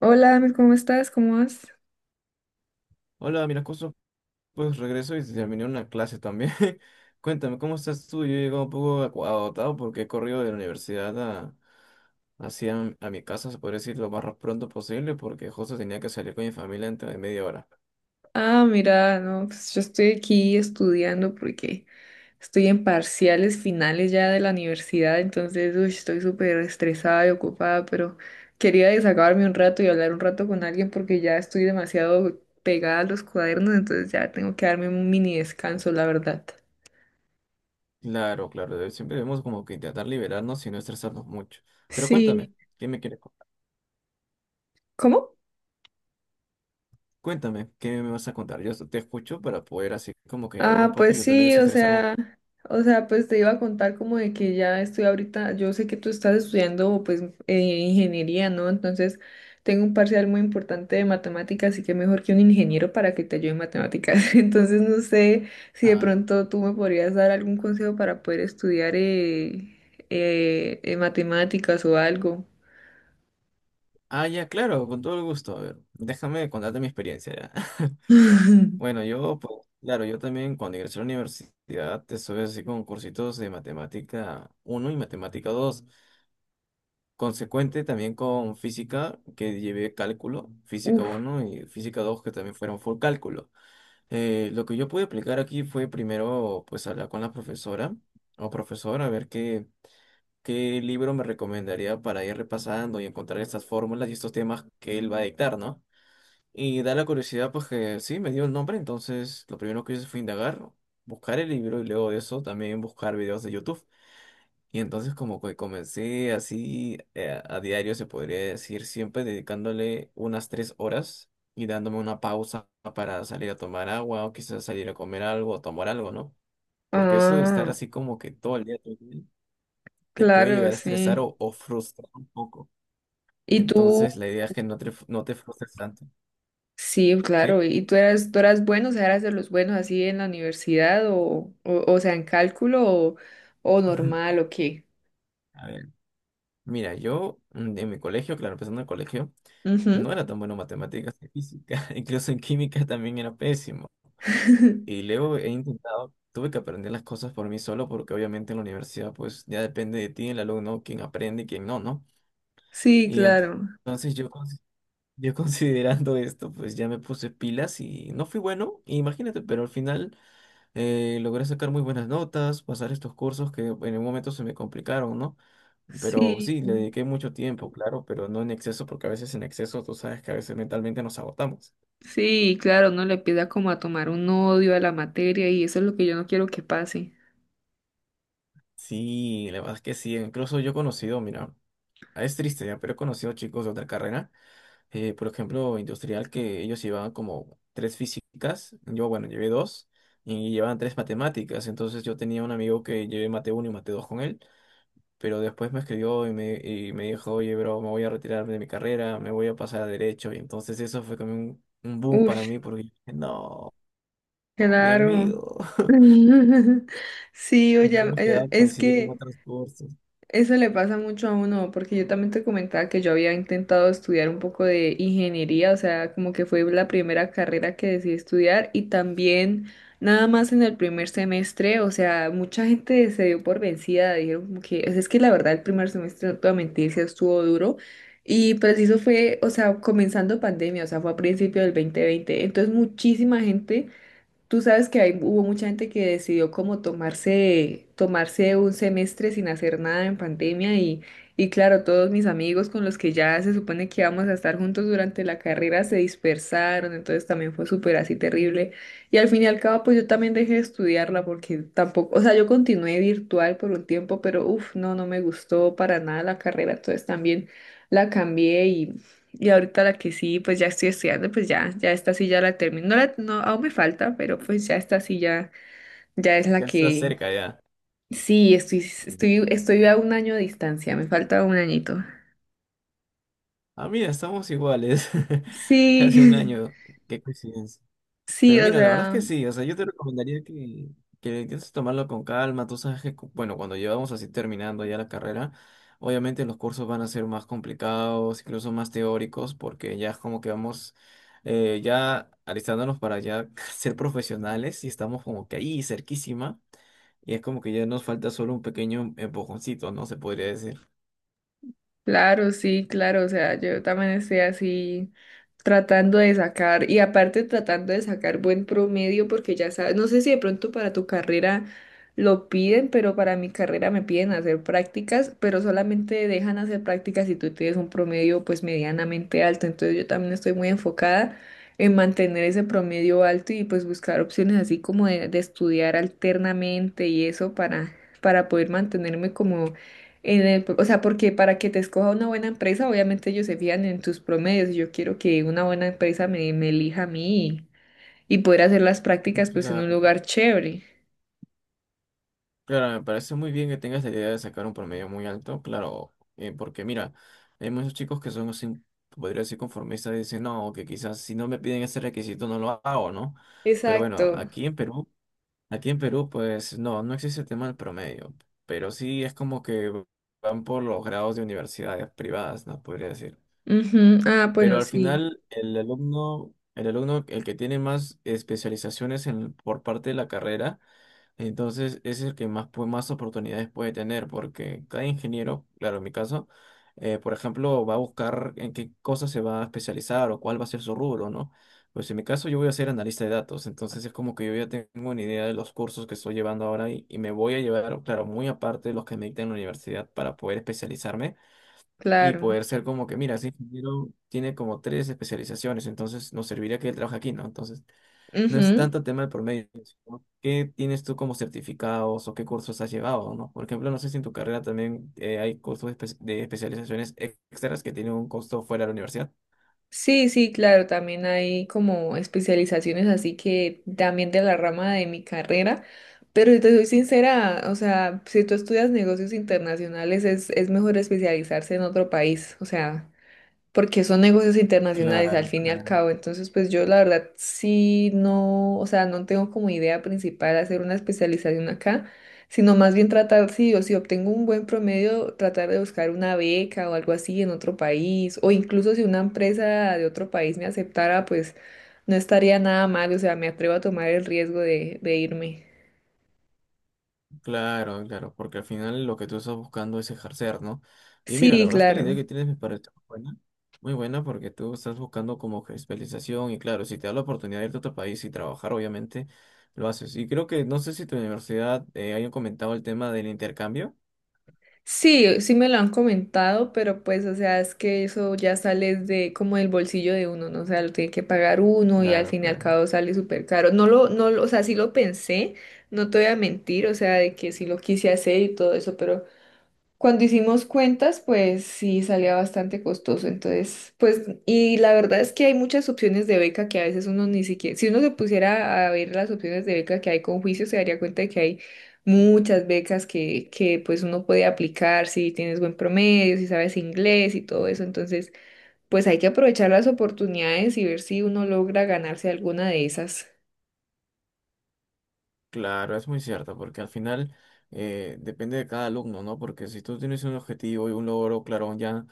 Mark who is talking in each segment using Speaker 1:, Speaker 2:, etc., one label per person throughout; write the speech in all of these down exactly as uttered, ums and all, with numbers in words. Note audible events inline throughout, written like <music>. Speaker 1: Hola, Amit, ¿cómo estás? ¿Cómo vas?
Speaker 2: Hola, mira, justo pues regreso y terminé una clase también. <laughs> Cuéntame, ¿cómo estás tú? Yo he llegado un poco acu- agotado porque he corrido de la universidad a, hacia a mi casa, se puede decir, lo más pronto posible porque justo tenía que salir con mi familia dentro de media hora.
Speaker 1: Ah, mira, no, pues yo estoy aquí estudiando porque estoy en parciales finales ya de la universidad, entonces uy, estoy súper estresada y ocupada, pero quería desahogarme un rato y hablar un rato con alguien porque ya estoy demasiado pegada a los cuadernos, entonces ya tengo que darme un mini descanso, la verdad.
Speaker 2: Claro, claro, de- siempre debemos como que intentar liberarnos y no estresarnos mucho. Pero cuéntame,
Speaker 1: Sí,
Speaker 2: ¿qué me quieres contar?
Speaker 1: ¿cómo?
Speaker 2: Cuéntame, ¿qué me vas a contar? Yo te escucho para poder así como que hablar un
Speaker 1: Ah,
Speaker 2: poco y
Speaker 1: pues
Speaker 2: yo también
Speaker 1: sí, o
Speaker 2: desestresarme un.
Speaker 1: sea, o sea, pues te iba a contar como de que ya estoy ahorita, yo sé que tú estás estudiando pues eh, ingeniería, ¿no? Entonces tengo un parcial muy importante de matemáticas, así que mejor que un ingeniero para que te ayude en matemáticas. <laughs> Entonces no sé si de
Speaker 2: Ah,
Speaker 1: pronto tú me podrías dar algún consejo para poder estudiar eh, eh, eh, matemáticas o algo.
Speaker 2: ah, ya, claro, con todo el gusto. A ver, déjame contarte mi experiencia ya. <laughs>
Speaker 1: <laughs>
Speaker 2: Bueno, yo, pues, claro, yo también cuando ingresé a la universidad estuve así con cursitos de matemática uno y matemática dos consecuente también con física, que llevé cálculo, física
Speaker 1: Uf,
Speaker 2: uno y física dos que también fueron full cálculo. Eh, lo que yo pude aplicar aquí fue primero, pues, hablar con la profesora o profesor a ver qué, qué libro me recomendaría para ir repasando y encontrar estas fórmulas y estos temas que él va a dictar, ¿no? Y da la curiosidad, pues que sí, me dio el nombre, entonces lo primero que hice fue indagar, buscar el libro y luego de eso también buscar videos de YouTube. Y entonces como que comencé así eh, a diario, se podría decir, siempre dedicándole unas tres horas y dándome una pausa para salir a tomar agua o quizás salir a comer algo o tomar algo, ¿no? Porque eso de estar
Speaker 1: ah,
Speaker 2: así como que todo el día todo el día, te puede
Speaker 1: claro,
Speaker 2: llegar a
Speaker 1: sí.
Speaker 2: estresar o, o frustrar un poco.
Speaker 1: ¿Y tú?
Speaker 2: Entonces la idea es que no te, no te frustres tanto,
Speaker 1: Sí, claro.
Speaker 2: ¿sí?
Speaker 1: ¿Y tú eras, tú eras bueno, o sea, eras de los buenos así en la universidad o, o, o sea, en cálculo o, o
Speaker 2: <laughs>
Speaker 1: normal o qué?
Speaker 2: A ver. Mira, yo mm, en mi colegio, claro, empezando el colegio, no
Speaker 1: Ujú.
Speaker 2: era tan bueno en matemáticas y física, <laughs> incluso en química también era pésimo. Y
Speaker 1: <laughs>
Speaker 2: luego he intentado, tuve que aprender las cosas por mí solo porque obviamente en la universidad pues ya depende de ti, el alumno, quién aprende y quién no, ¿no?
Speaker 1: Sí,
Speaker 2: Y ent-
Speaker 1: claro.
Speaker 2: entonces yo, cons- yo <laughs> considerando esto, pues ya me puse pilas y no fui bueno, imagínate, pero al final. Eh, logré sacar muy buenas notas, pasar estos cursos que en un momento se me complicaron, ¿no? Pero
Speaker 1: Sí,
Speaker 2: sí, le dediqué mucho tiempo, claro, pero no en exceso, porque a veces en exceso tú sabes que a veces mentalmente nos agotamos.
Speaker 1: sí, claro, uno le empieza como a tomar un odio a la materia y eso es lo que yo no quiero que pase.
Speaker 2: Sí, la verdad es que sí, incluso yo he conocido, mira, es triste ya, pero he conocido chicos de otra carrera, eh, por ejemplo, industrial, que ellos llevaban como tres físicas, yo, bueno, llevé dos, y llevaban tres matemáticas, entonces yo tenía un amigo que llevé mate uno y mate dos con él. Pero después me escribió y me, y me dijo, oye, bro, me voy a retirar de mi carrera, me voy a pasar a derecho. Y entonces eso fue como un, un boom para
Speaker 1: Uy,
Speaker 2: mí porque dije, no, no, mi
Speaker 1: claro.
Speaker 2: amigo. <laughs>
Speaker 1: <laughs> Sí,
Speaker 2: Y nos
Speaker 1: oye,
Speaker 2: habíamos quedado
Speaker 1: eh,
Speaker 2: a
Speaker 1: es
Speaker 2: coincidir en
Speaker 1: que...
Speaker 2: otros cursos.
Speaker 1: Eso le pasa mucho a uno, porque yo también te comentaba que yo había intentado estudiar un poco de ingeniería, o sea, como que fue la primera carrera que decidí estudiar y también nada más en el primer semestre, o sea, mucha gente se dio por vencida, dijeron como que, es que la verdad el primer semestre, no te voy a mentir, sí estuvo duro y preciso fue, o sea, comenzando pandemia, o sea, fue a principio del dos mil veinte, entonces muchísima gente. Tú sabes que hay, hubo mucha gente que decidió como tomarse, tomarse un semestre sin hacer nada en pandemia y, y claro, todos mis amigos con los que ya se supone que íbamos a estar juntos durante la carrera se dispersaron, entonces también fue súper así terrible. Y al fin y al cabo, pues yo también dejé de estudiarla porque tampoco, o sea, yo continué virtual por un tiempo, pero uff, no, no me gustó para nada la carrera, entonces también la cambié y ahorita la que sí, pues ya estoy estudiando, pues ya, ya esta sí ya la termino. No, la- no, aún me falta, pero pues ya esta sí ya, ya es la
Speaker 2: Ya está
Speaker 1: que
Speaker 2: cerca ya.
Speaker 1: sí, estoy, estoy, estoy a un año de distancia, me falta un añito.
Speaker 2: Ah, mira, estamos iguales. <laughs> Casi un
Speaker 1: Sí,
Speaker 2: año. Qué coincidencia.
Speaker 1: <laughs> sí,
Speaker 2: Pero
Speaker 1: o
Speaker 2: mira, la verdad es que
Speaker 1: sea,
Speaker 2: sí, o sea, yo te recomendaría que, que intentes tomarlo con calma, tú sabes que, cu- bueno, cuando llevamos así terminando ya la carrera, obviamente los cursos van a ser más complicados, incluso más teóricos, porque ya es como que vamos eh, ya alistándonos para ya <laughs> ser profesionales y estamos como que ahí cerquísima, y es como que ya nos falta solo un pequeño empujoncito, ¿no? Se podría decir.
Speaker 1: claro, sí, claro, o sea, yo también estoy así tratando de sacar y aparte tratando de sacar buen promedio porque ya sabes, no sé si de pronto para tu carrera lo piden, pero para mi carrera me piden hacer prácticas, pero solamente dejan hacer prácticas si tú tienes un promedio pues medianamente alto, entonces yo también estoy muy enfocada en mantener ese promedio alto y pues buscar opciones así como de, de estudiar alternamente y eso para, para poder mantenerme como en el- o sea, porque para que te escoja una buena empresa, obviamente ellos se fijan en tus promedios. Yo quiero que una buena empresa me, me elija a mí y poder hacer las prácticas pues en un
Speaker 2: Claro.
Speaker 1: lugar chévere.
Speaker 2: Claro, me parece muy bien que tengas la idea de sacar un promedio muy alto, claro, eh, porque mira, hay muchos chicos que son así, podría decir conformistas y dicen, no, que quizás si no me piden ese requisito no lo hago, ¿no? Pero bueno,
Speaker 1: Exacto.
Speaker 2: aquí en Perú, aquí en Perú, pues no, no existe el tema del promedio, pero sí es como que van por los grados de universidades privadas, ¿no? Podría decir.
Speaker 1: Ujú. Ah,
Speaker 2: Pero
Speaker 1: bueno,
Speaker 2: al
Speaker 1: sí,
Speaker 2: final, el alumno, el alumno, el que tiene más especializaciones en, por parte de la carrera, entonces, ese es el que más, pues, más oportunidades puede tener, porque cada ingeniero, claro, en mi caso, eh, por ejemplo, va a buscar en qué cosa se va a especializar o cuál va a ser su rubro, ¿no? Pues en mi caso yo voy a ser analista de datos, entonces es como que yo ya tengo una idea de los cursos que estoy llevando ahora y, y me voy a llevar, claro, muy aparte de los que me dictan en la universidad para poder especializarme y
Speaker 1: claro.
Speaker 2: poder ser como que, mira, ese ingeniero tiene como tres especializaciones, entonces nos serviría que él trabaje aquí, ¿no? Entonces. No es
Speaker 1: Ujú.
Speaker 2: tanto tema de promedio sino qué tienes tú como certificados o qué cursos has llevado, ¿no? Por ejemplo, no sé si en tu carrera también eh, hay cursos de, espe- de especializaciones extras que tienen un costo fuera de la universidad.
Speaker 1: Sí, sí, claro, también hay como especializaciones así que también de la rama de mi carrera, pero si te soy sincera, o sea, si tú estudias negocios internacionales es, es mejor especializarse en otro país, o sea, porque son negocios internacionales al
Speaker 2: Claro,
Speaker 1: fin y al
Speaker 2: claro,
Speaker 1: cabo. Entonces, pues yo la verdad sí no, o sea, no tengo como idea principal hacer una especialización acá, sino más bien tratar, sí, o si obtengo un buen promedio, tratar de buscar una beca o algo así en otro país, o incluso si una empresa de otro país me aceptara, pues no estaría nada mal, o sea, me atrevo a tomar el riesgo de, de irme.
Speaker 2: claro, claro, porque al final lo que tú estás buscando es ejercer, ¿no? Y mira, la
Speaker 1: Sí,
Speaker 2: verdad es que la idea
Speaker 1: claro.
Speaker 2: que tienes me parece muy buena, muy buena porque tú estás buscando como que especialización y claro, si te da la oportunidad de irte a otro país y trabajar, obviamente lo haces. Y creo que, no sé si tu universidad eh, hayan comentado el tema del intercambio.
Speaker 1: Sí, sí me lo han comentado, pero pues, o sea, es que eso ya sale de como del bolsillo de uno, ¿no? O sea, lo tiene que pagar uno y al
Speaker 2: Claro,
Speaker 1: fin y al
Speaker 2: claro.
Speaker 1: cabo sale súper caro. No lo, no, lo- o sea, sí lo pensé, no te voy a mentir, o sea, de que sí lo quise hacer y todo eso, pero cuando hicimos cuentas, pues sí salía bastante costoso. Entonces, pues, y la verdad es que hay muchas opciones de beca que a veces uno ni siquiera, si uno se pusiera a ver las opciones de beca que hay con juicio, se daría cuenta de que hay muchas becas que, que pues uno puede aplicar si tienes buen promedio, si sabes inglés y todo eso. Entonces, pues hay que aprovechar las oportunidades y ver si uno logra ganarse alguna de esas.
Speaker 2: Claro, es muy cierto, porque al final eh, depende de cada alumno, ¿no? Porque si tú tienes un objetivo y un logro claro ya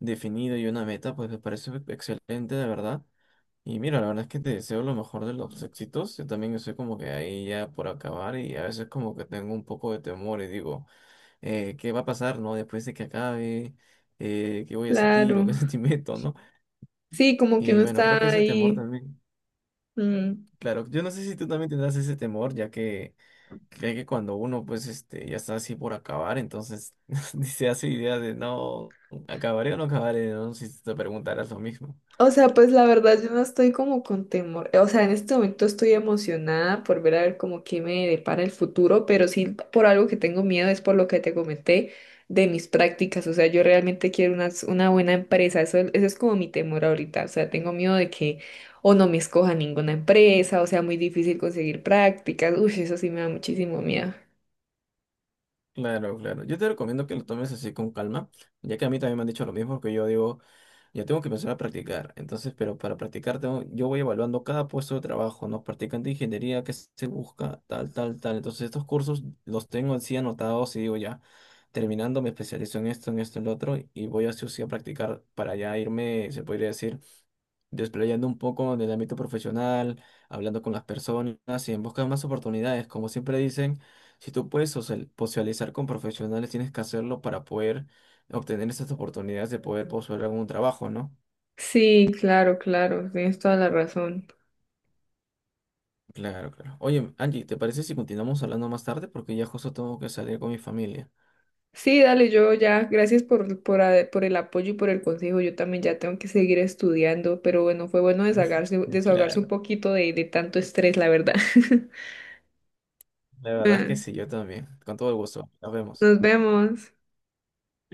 Speaker 2: definido y una meta, pues me parece excelente, de verdad. Y mira, la verdad es que te deseo lo mejor de los éxitos. Yo también estoy como que ahí ya por acabar y a veces como que tengo un poco de temor y digo, eh, ¿qué va a pasar, no? Después de que acabe, eh, ¿qué voy a sentir o qué <laughs>
Speaker 1: Claro.
Speaker 2: sentimiento, no?
Speaker 1: Sí, como que
Speaker 2: Y
Speaker 1: uno
Speaker 2: bueno, creo que
Speaker 1: está
Speaker 2: ese temor
Speaker 1: ahí.
Speaker 2: también,
Speaker 1: Mm.
Speaker 2: claro, yo no sé si tú también tendrás ese temor, ya que. Cree que cuando uno pues este ya está así por acabar, entonces <laughs> ni se hace idea de no acabaré o no acabaré, ¿no? Si te preguntaras lo mismo.
Speaker 1: O sea, pues la verdad yo no estoy como con temor. O sea, en este momento estoy emocionada por ver a ver como qué me depara el futuro, pero sí por algo que tengo miedo es por lo que te comenté de mis prácticas. O sea, yo realmente quiero una, una buena empresa. Eso, eso es como mi temor ahorita. O sea, tengo miedo de que o no me escoja ninguna empresa, o sea, muy difícil conseguir prácticas. Uy, eso sí me da muchísimo miedo.
Speaker 2: Claro, claro. Yo te recomiendo que lo tomes así con calma, ya que a mí también me han dicho lo mismo, que yo digo, yo tengo que empezar a practicar. Entonces, pero para practicar tengo- yo voy evaluando cada puesto de trabajo, ¿no? Practicante de ingeniería, qué se busca, tal, tal, tal. Entonces, estos cursos los tengo así anotados y digo ya, terminando me especializo en esto, en esto, en lo otro, y voy así o sí a practicar para ya irme, se podría decir desplayando un poco en el ámbito profesional, hablando con las personas y en busca de más oportunidades. Como siempre dicen, si tú puedes social- socializar con profesionales, tienes que hacerlo para poder obtener esas oportunidades de poder postular algún trabajo, ¿no?
Speaker 1: Sí, claro, claro, tienes toda la razón.
Speaker 2: Claro, claro. Oye, Angie, ¿te parece si continuamos hablando más tarde? Porque ya justo tengo que salir con mi familia.
Speaker 1: Sí, dale, yo ya, gracias por, por, a- por el apoyo y por el consejo. Yo también ya tengo que seguir estudiando, pero bueno, fue bueno desahogarse, desahogarse un
Speaker 2: Claro,
Speaker 1: poquito de, de tanto estrés, la verdad. <laughs>
Speaker 2: la verdad es
Speaker 1: Ah,
Speaker 2: que sí, yo también. Con todo el gusto. Nos vemos.
Speaker 1: nos vemos.